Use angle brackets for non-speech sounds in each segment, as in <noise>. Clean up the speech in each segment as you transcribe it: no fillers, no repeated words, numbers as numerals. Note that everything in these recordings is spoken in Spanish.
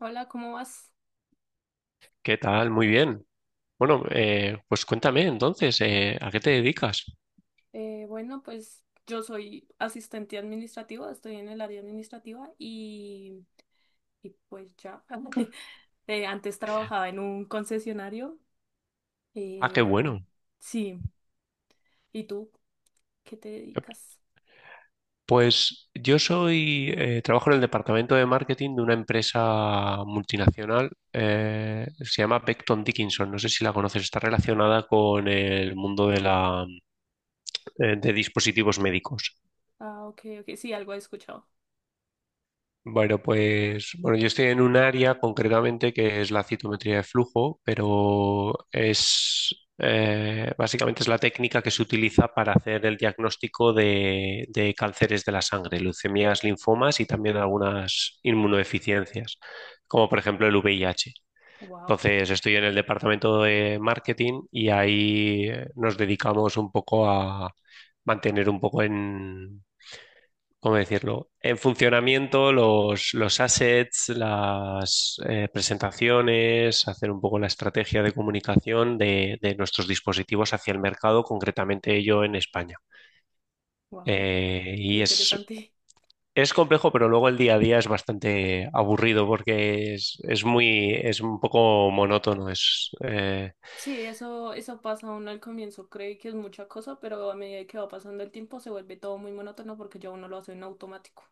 Hola, ¿cómo vas? ¿Qué tal? Muy bien. Bueno, pues cuéntame entonces, ¿a qué te dedicas? Bueno, pues yo soy asistente administrativa, estoy en el área administrativa y pues ya. <laughs> Antes trabajaba en un concesionario. Ah, qué eh, bueno. sí, ¿y tú qué te Eh, dedicas? Pues yo soy, trabajo en el departamento de marketing de una empresa multinacional, se llama Becton Dickinson, no sé si la conoces, está relacionada con el mundo de la, de dispositivos médicos. Ah, ok, ok, sí, algo he escuchado. Bueno, pues bueno, yo estoy en un área concretamente que es la citometría de flujo, pero es básicamente es la técnica que se utiliza para hacer el diagnóstico de cánceres de la sangre, leucemias, linfomas y también algunas inmunodeficiencias, como por ejemplo el VIH. Wow, Entonces, estoy en el departamento de marketing y ahí nos dedicamos un poco a mantener un poco en ¿cómo decirlo? En funcionamiento, los assets, las presentaciones, hacer un poco la estrategia de comunicación de nuestros dispositivos hacia el mercado, concretamente yo en España. wow, Eh, qué y es, interesante. <laughs> es complejo, pero luego el día a día es bastante aburrido porque es muy, es un poco monótono. Sí, eso pasa uno al comienzo, cree que es mucha cosa, pero a medida que va pasando el tiempo se vuelve todo muy monótono porque ya uno lo hace en automático.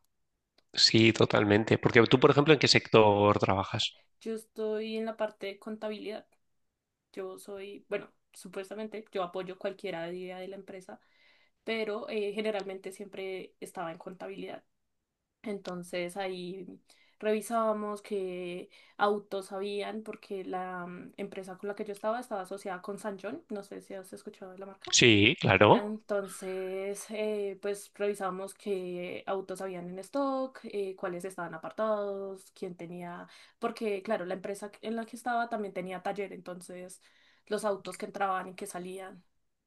Sí, totalmente. Porque tú, por ejemplo, ¿en qué sector trabajas? Yo estoy en la parte de contabilidad. Yo soy, bueno, supuestamente yo apoyo cualquier idea de la empresa, pero generalmente siempre estaba en contabilidad. Entonces ahí revisábamos qué autos habían, porque la empresa con la que yo estaba asociada con San John. No sé si has escuchado de la marca. Sí, claro. Entonces, pues revisamos qué autos habían en stock, cuáles estaban apartados, quién tenía, porque claro, la empresa en la que estaba también tenía taller, entonces los autos que entraban y que salían,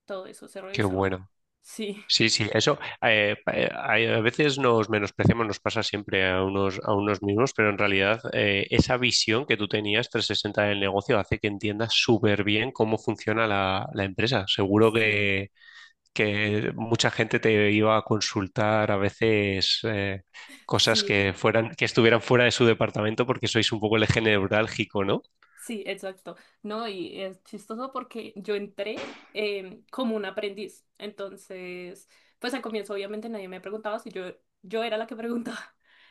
todo eso se Qué revisaba. bueno. Sí, Sí, sí, eso a veces nos menospreciamos, nos pasa siempre a unos mismos, pero en realidad esa visión que tú tenías 360 del negocio hace que entiendas súper bien cómo funciona la empresa. Sí, Que mucha gente te iba a consultar a veces cosas sí. que fueran, que estuvieran fuera de su departamento porque sois un poco el eje neurálgico, ¿no? Sí, exacto. No, y es chistoso porque yo entré como un aprendiz. Entonces, pues al comienzo obviamente nadie me preguntaba si yo era la que <laughs> preguntaba.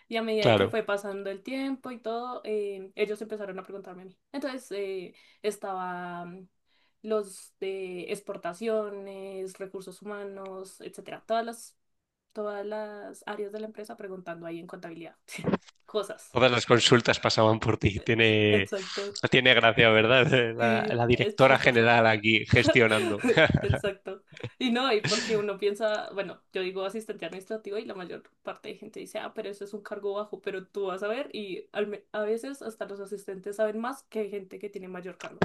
Y a medida que Claro. fue pasando el tiempo y todo, ellos empezaron a preguntarme a mí. Entonces, estaban los de exportaciones, recursos humanos, etcétera. Todas las áreas de la empresa preguntando ahí en contabilidad. <laughs> Cosas. Todas las consultas pasaban por ti. Exacto. Tiene gracia, ¿verdad? <laughs> Sí, La es directora chistoso. general aquí gestionando. <laughs> Exacto. Y no, y porque uno piensa, bueno, yo digo asistente administrativo y la mayor parte de gente dice, ah, pero eso es un cargo bajo, pero tú vas a ver y a veces hasta los asistentes saben más que gente que tiene mayor cargo.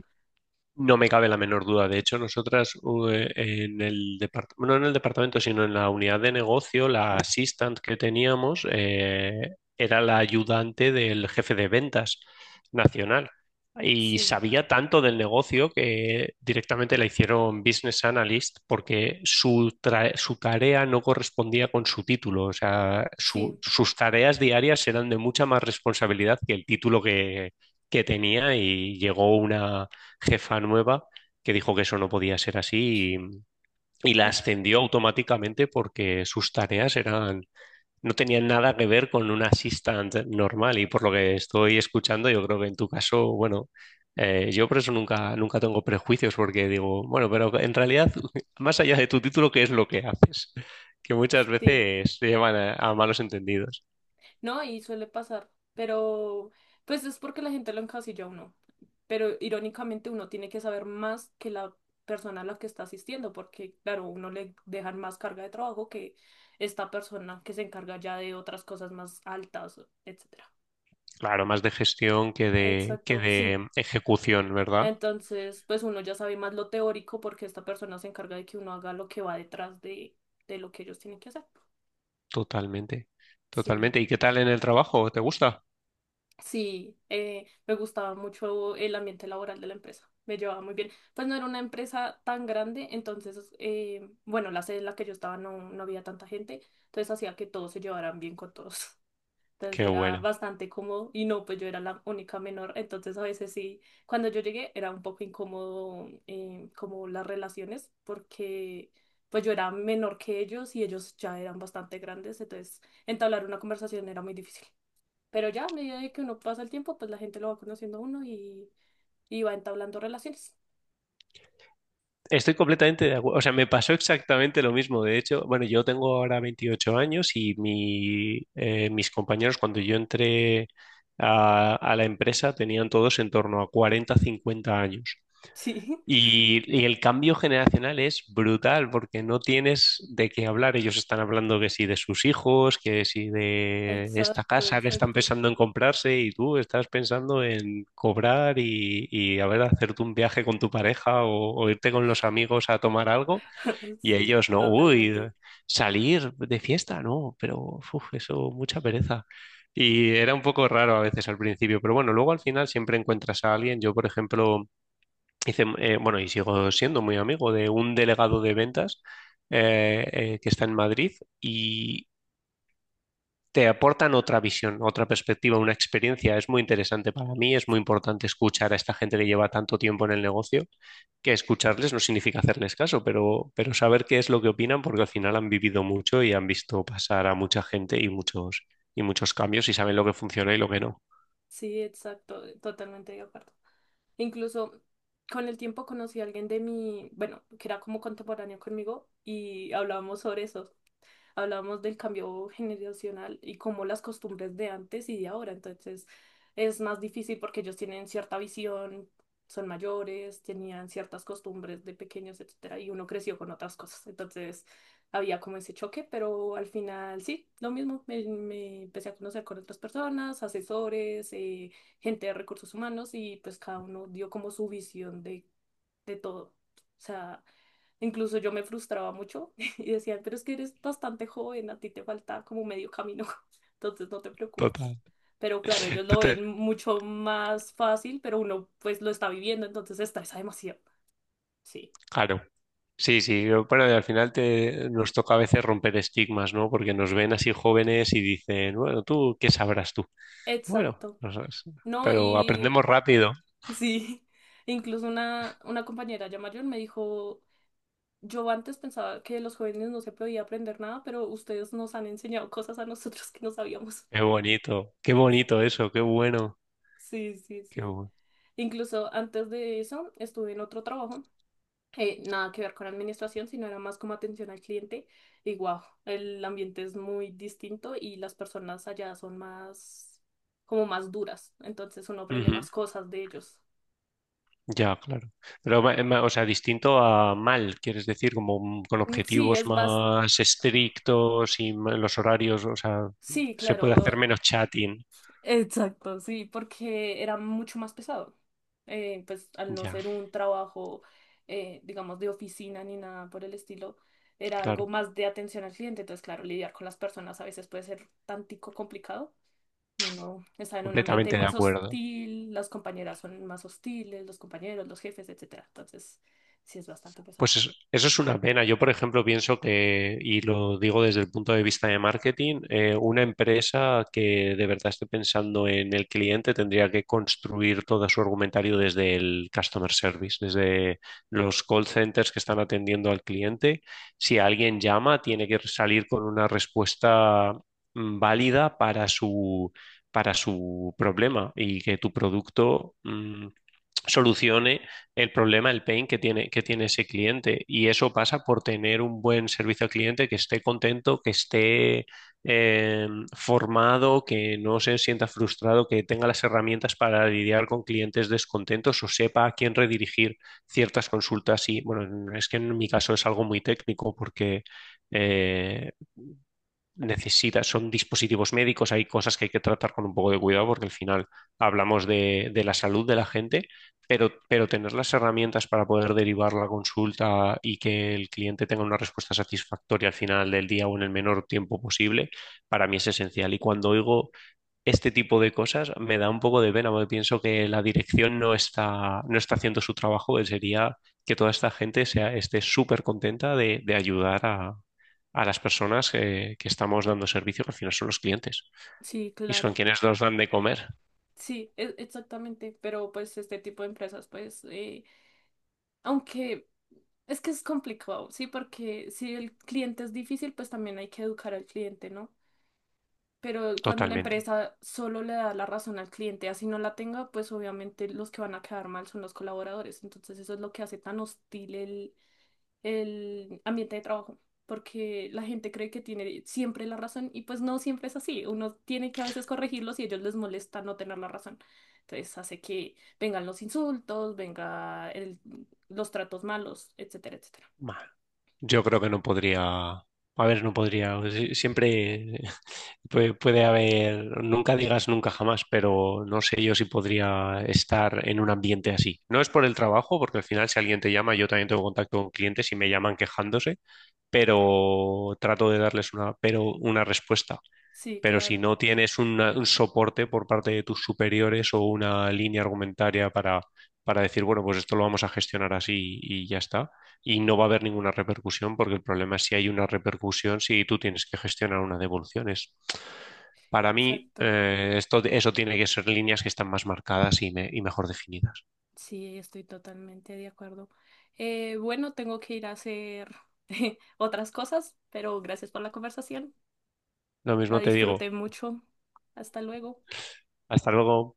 No me cabe la menor duda. De hecho, en el departamento, no en el departamento, sino en la unidad de negocio, la assistant que teníamos era la ayudante del jefe de ventas nacional y Sí, sabía tanto del negocio que directamente la hicieron business analyst porque su tarea no correspondía con su título. O sea, sí, sus tareas diarias eran de mucha más responsabilidad que el título que tenía y llegó una jefa nueva que dijo que eso no podía ser así y la mm, ascendió automáticamente porque sus tareas eran, no tenían nada que ver con un assistant normal y por lo que estoy escuchando, yo creo que en tu caso, bueno, yo por eso nunca, nunca tengo prejuicios porque digo, bueno, pero en realidad, <laughs> más allá de tu título, ¿qué es lo que haces? <laughs> Que muchas sí. veces se llevan a malos entendidos. No, y suele pasar, pero pues es porque la gente lo encasilla a uno. Pero irónicamente uno tiene que saber más que la persona a la que está asistiendo, porque claro, uno le dejan más carga de trabajo que esta persona que se encarga ya de otras cosas más altas, etcétera. Claro, más de gestión que que Exacto, sí. de ejecución, ¿verdad? Entonces, pues uno ya sabe más lo teórico porque esta persona se encarga de que uno haga lo que va detrás de lo que ellos tienen que hacer. Totalmente, Sí. totalmente. ¿Y qué tal en el trabajo? ¿Te gusta? Sí, me gustaba mucho el ambiente laboral de la empresa, me llevaba muy bien. Pues no era una empresa tan grande, entonces, bueno, la sede en la que yo estaba no había tanta gente, entonces hacía que todos se llevaran bien con todos. <laughs> Entonces Qué era bueno. bastante cómodo y no, pues yo era la única menor, entonces a veces sí, cuando yo llegué era un poco incómodo como las relaciones, porque pues yo era menor que ellos y ellos ya eran bastante grandes, entonces entablar una conversación era muy difícil. Pero ya, a medida de que uno pasa el tiempo, pues la gente lo va conociendo a uno y va entablando relaciones. Estoy completamente de acuerdo. O sea, me pasó exactamente lo mismo. De hecho, bueno, yo tengo ahora 28 años y mis compañeros cuando yo entré a la empresa tenían todos en torno a 40-50 años. Sí, Y el cambio generacional es brutal porque no <laughs> tienes de qué hablar. Ellos están hablando que sí de sus hijos, que sí de esta exacto, casa que están exacto. pensando en comprarse y tú estás pensando en cobrar y a ver, hacerte un viaje con tu pareja o irte con los amigos a tomar algo <laughs> y Sí, ellos no, uy, totalmente. salir de fiesta, no, pero uf, eso, mucha pereza. Y era un poco raro a veces al principio, pero bueno, luego al final siempre encuentras a alguien. Yo, por ejemplo... Hice, bueno, y sigo siendo muy amigo de un delegado de ventas que está en Madrid y te aportan otra visión, otra perspectiva, una experiencia. Es muy interesante para mí, es muy importante escuchar a esta gente que lleva tanto tiempo en el negocio, que escucharles no significa hacerles caso, pero saber qué es lo que opinan porque al final han vivido mucho y han visto pasar a mucha gente y muchos cambios y saben lo que funciona y lo que no. Sí, exacto, totalmente de acuerdo. Incluso con el tiempo conocí a alguien de mi, bueno, que era como contemporáneo conmigo y hablábamos sobre eso. Hablamos del cambio generacional y cómo las costumbres de antes y de ahora. Entonces es más difícil porque ellos tienen cierta visión, son mayores, tenían ciertas costumbres de pequeños, etcétera, y uno creció con otras cosas. Entonces había como ese choque, pero al final sí, lo mismo. Me empecé a conocer con otras personas, asesores, gente de recursos humanos y pues cada uno dio como su visión de todo. O sea, incluso yo me frustraba mucho <laughs> y decían, pero es que eres bastante joven, a ti te falta como medio camino, <laughs> entonces no te preocupes. Total. Pero claro, ellos <laughs> Tú lo te- ven mucho más fácil, pero uno pues lo está viviendo, entonces se estresa demasiado. Sí, Claro. Sí, sí, yo- bueno, y al final te, nos toca a veces romper estigmas, ¿no? Porque nos ven así jóvenes y dicen, bueno, tú, ¿qué sabrás tú? Bueno, exacto. no sabes, No, pero y aprendemos rápido. sí, <laughs> incluso una compañera ya mayor me dijo, yo antes pensaba que los jóvenes no se podía aprender nada, pero ustedes nos han enseñado cosas a nosotros que no sabíamos. Qué bonito eso, qué bueno, Sí, sí, qué sí. bueno. Incluso antes de eso estuve en otro trabajo, nada que ver con administración, sino era más como atención al cliente. Y wow, el ambiente es muy distinto y las personas allá son más, como más duras. Entonces uno aprende Ujú, más cosas de ellos. ya, claro. Pero, o sea, distinto a mal, quieres decir, como con Mm, sí, objetivos es más, más estrictos y los horarios, o sea, sí, se puede claro, hacer menos chatting. exacto, sí, porque era mucho más pesado. Pues al no Ya, ser un trabajo, digamos, de oficina ni nada por el estilo, era algo claro, más de atención al cliente. Entonces, claro, lidiar con las personas a veces puede ser tantico complicado. Uno está en un ambiente completamente de más acuerdo. hostil, las compañeras son más hostiles, los compañeros, los jefes, etcétera. Entonces, sí es bastante pesado. Pues eso es una pena. Yo, por ejemplo, pienso que, y lo digo desde el punto de vista de marketing, una empresa que de verdad esté pensando en el cliente tendría que construir todo su argumentario desde el customer service, desde los call centers que están atendiendo al cliente. Si alguien llama, tiene que salir con una respuesta válida para su problema y que tu producto... solucione el problema, el pain que tiene ese cliente. Y eso pasa por tener un buen servicio al cliente, que esté contento, que esté eh, formado, que no se sienta frustrado, que tenga las herramientas para lidiar con clientes descontentos o sepa a quién redirigir ciertas consultas. Y bueno, es que en mi caso es algo muy técnico porque... eh, necesita, son dispositivos médicos, hay cosas que hay que tratar con un poco de cuidado porque al final hablamos de la salud de la gente, pero tener las herramientas para poder derivar la consulta y que el cliente tenga una respuesta satisfactoria al final del día o en el menor tiempo posible, para mí es esencial. Y cuando oigo este tipo de cosas me da un poco de pena, porque pienso que la dirección no está, no está haciendo su trabajo, que sería que toda esta gente sea, esté súper contenta de ayudar a las personas que estamos dando servicio, que al final son los clientes, Sí, y son claro. quienes nos dan de comer Sí, exactamente. Pero pues este tipo de empresas, pues, aunque es que es complicado, sí, porque si el cliente es difícil, pues también hay que educar al cliente, ¿no? Pero cuando la totalmente. empresa solo le da la razón al cliente, así no la tenga, pues obviamente los que van a quedar mal son los colaboradores. Entonces eso es lo que hace tan hostil el ambiente de trabajo, porque la gente cree que tiene siempre la razón y pues no siempre es así. Uno tiene que a veces corregirlos y a ellos les molesta no tener la razón. Entonces hace que vengan los insultos, los tratos malos, etcétera, etcétera. Yo creo que no podría. A ver, no podría. Siempre <laughs> puede, puede haber. Nunca digas nunca jamás, pero no sé yo si podría estar en un ambiente así. No es por el trabajo, porque al final, si alguien te llama, yo también tengo contacto con clientes y me llaman quejándose, pero trato de darles una, pero una respuesta. Sí, Pero si claro, no tienes un soporte por parte de tus superiores o una línea argumentaria para decir, bueno, pues esto lo vamos a gestionar así y ya está, y no va a haber ninguna repercusión, porque el problema es si hay una repercusión, si tú tienes que gestionar unas devoluciones. Para mí, exacto. Eso tiene que ser líneas que están más marcadas y, y mejor definidas. Sí, estoy totalmente de acuerdo. Bueno, tengo que ir a hacer <laughs> otras cosas, pero gracias por la conversación. Lo La mismo te digo, disfruté mucho. Hasta luego. hasta luego.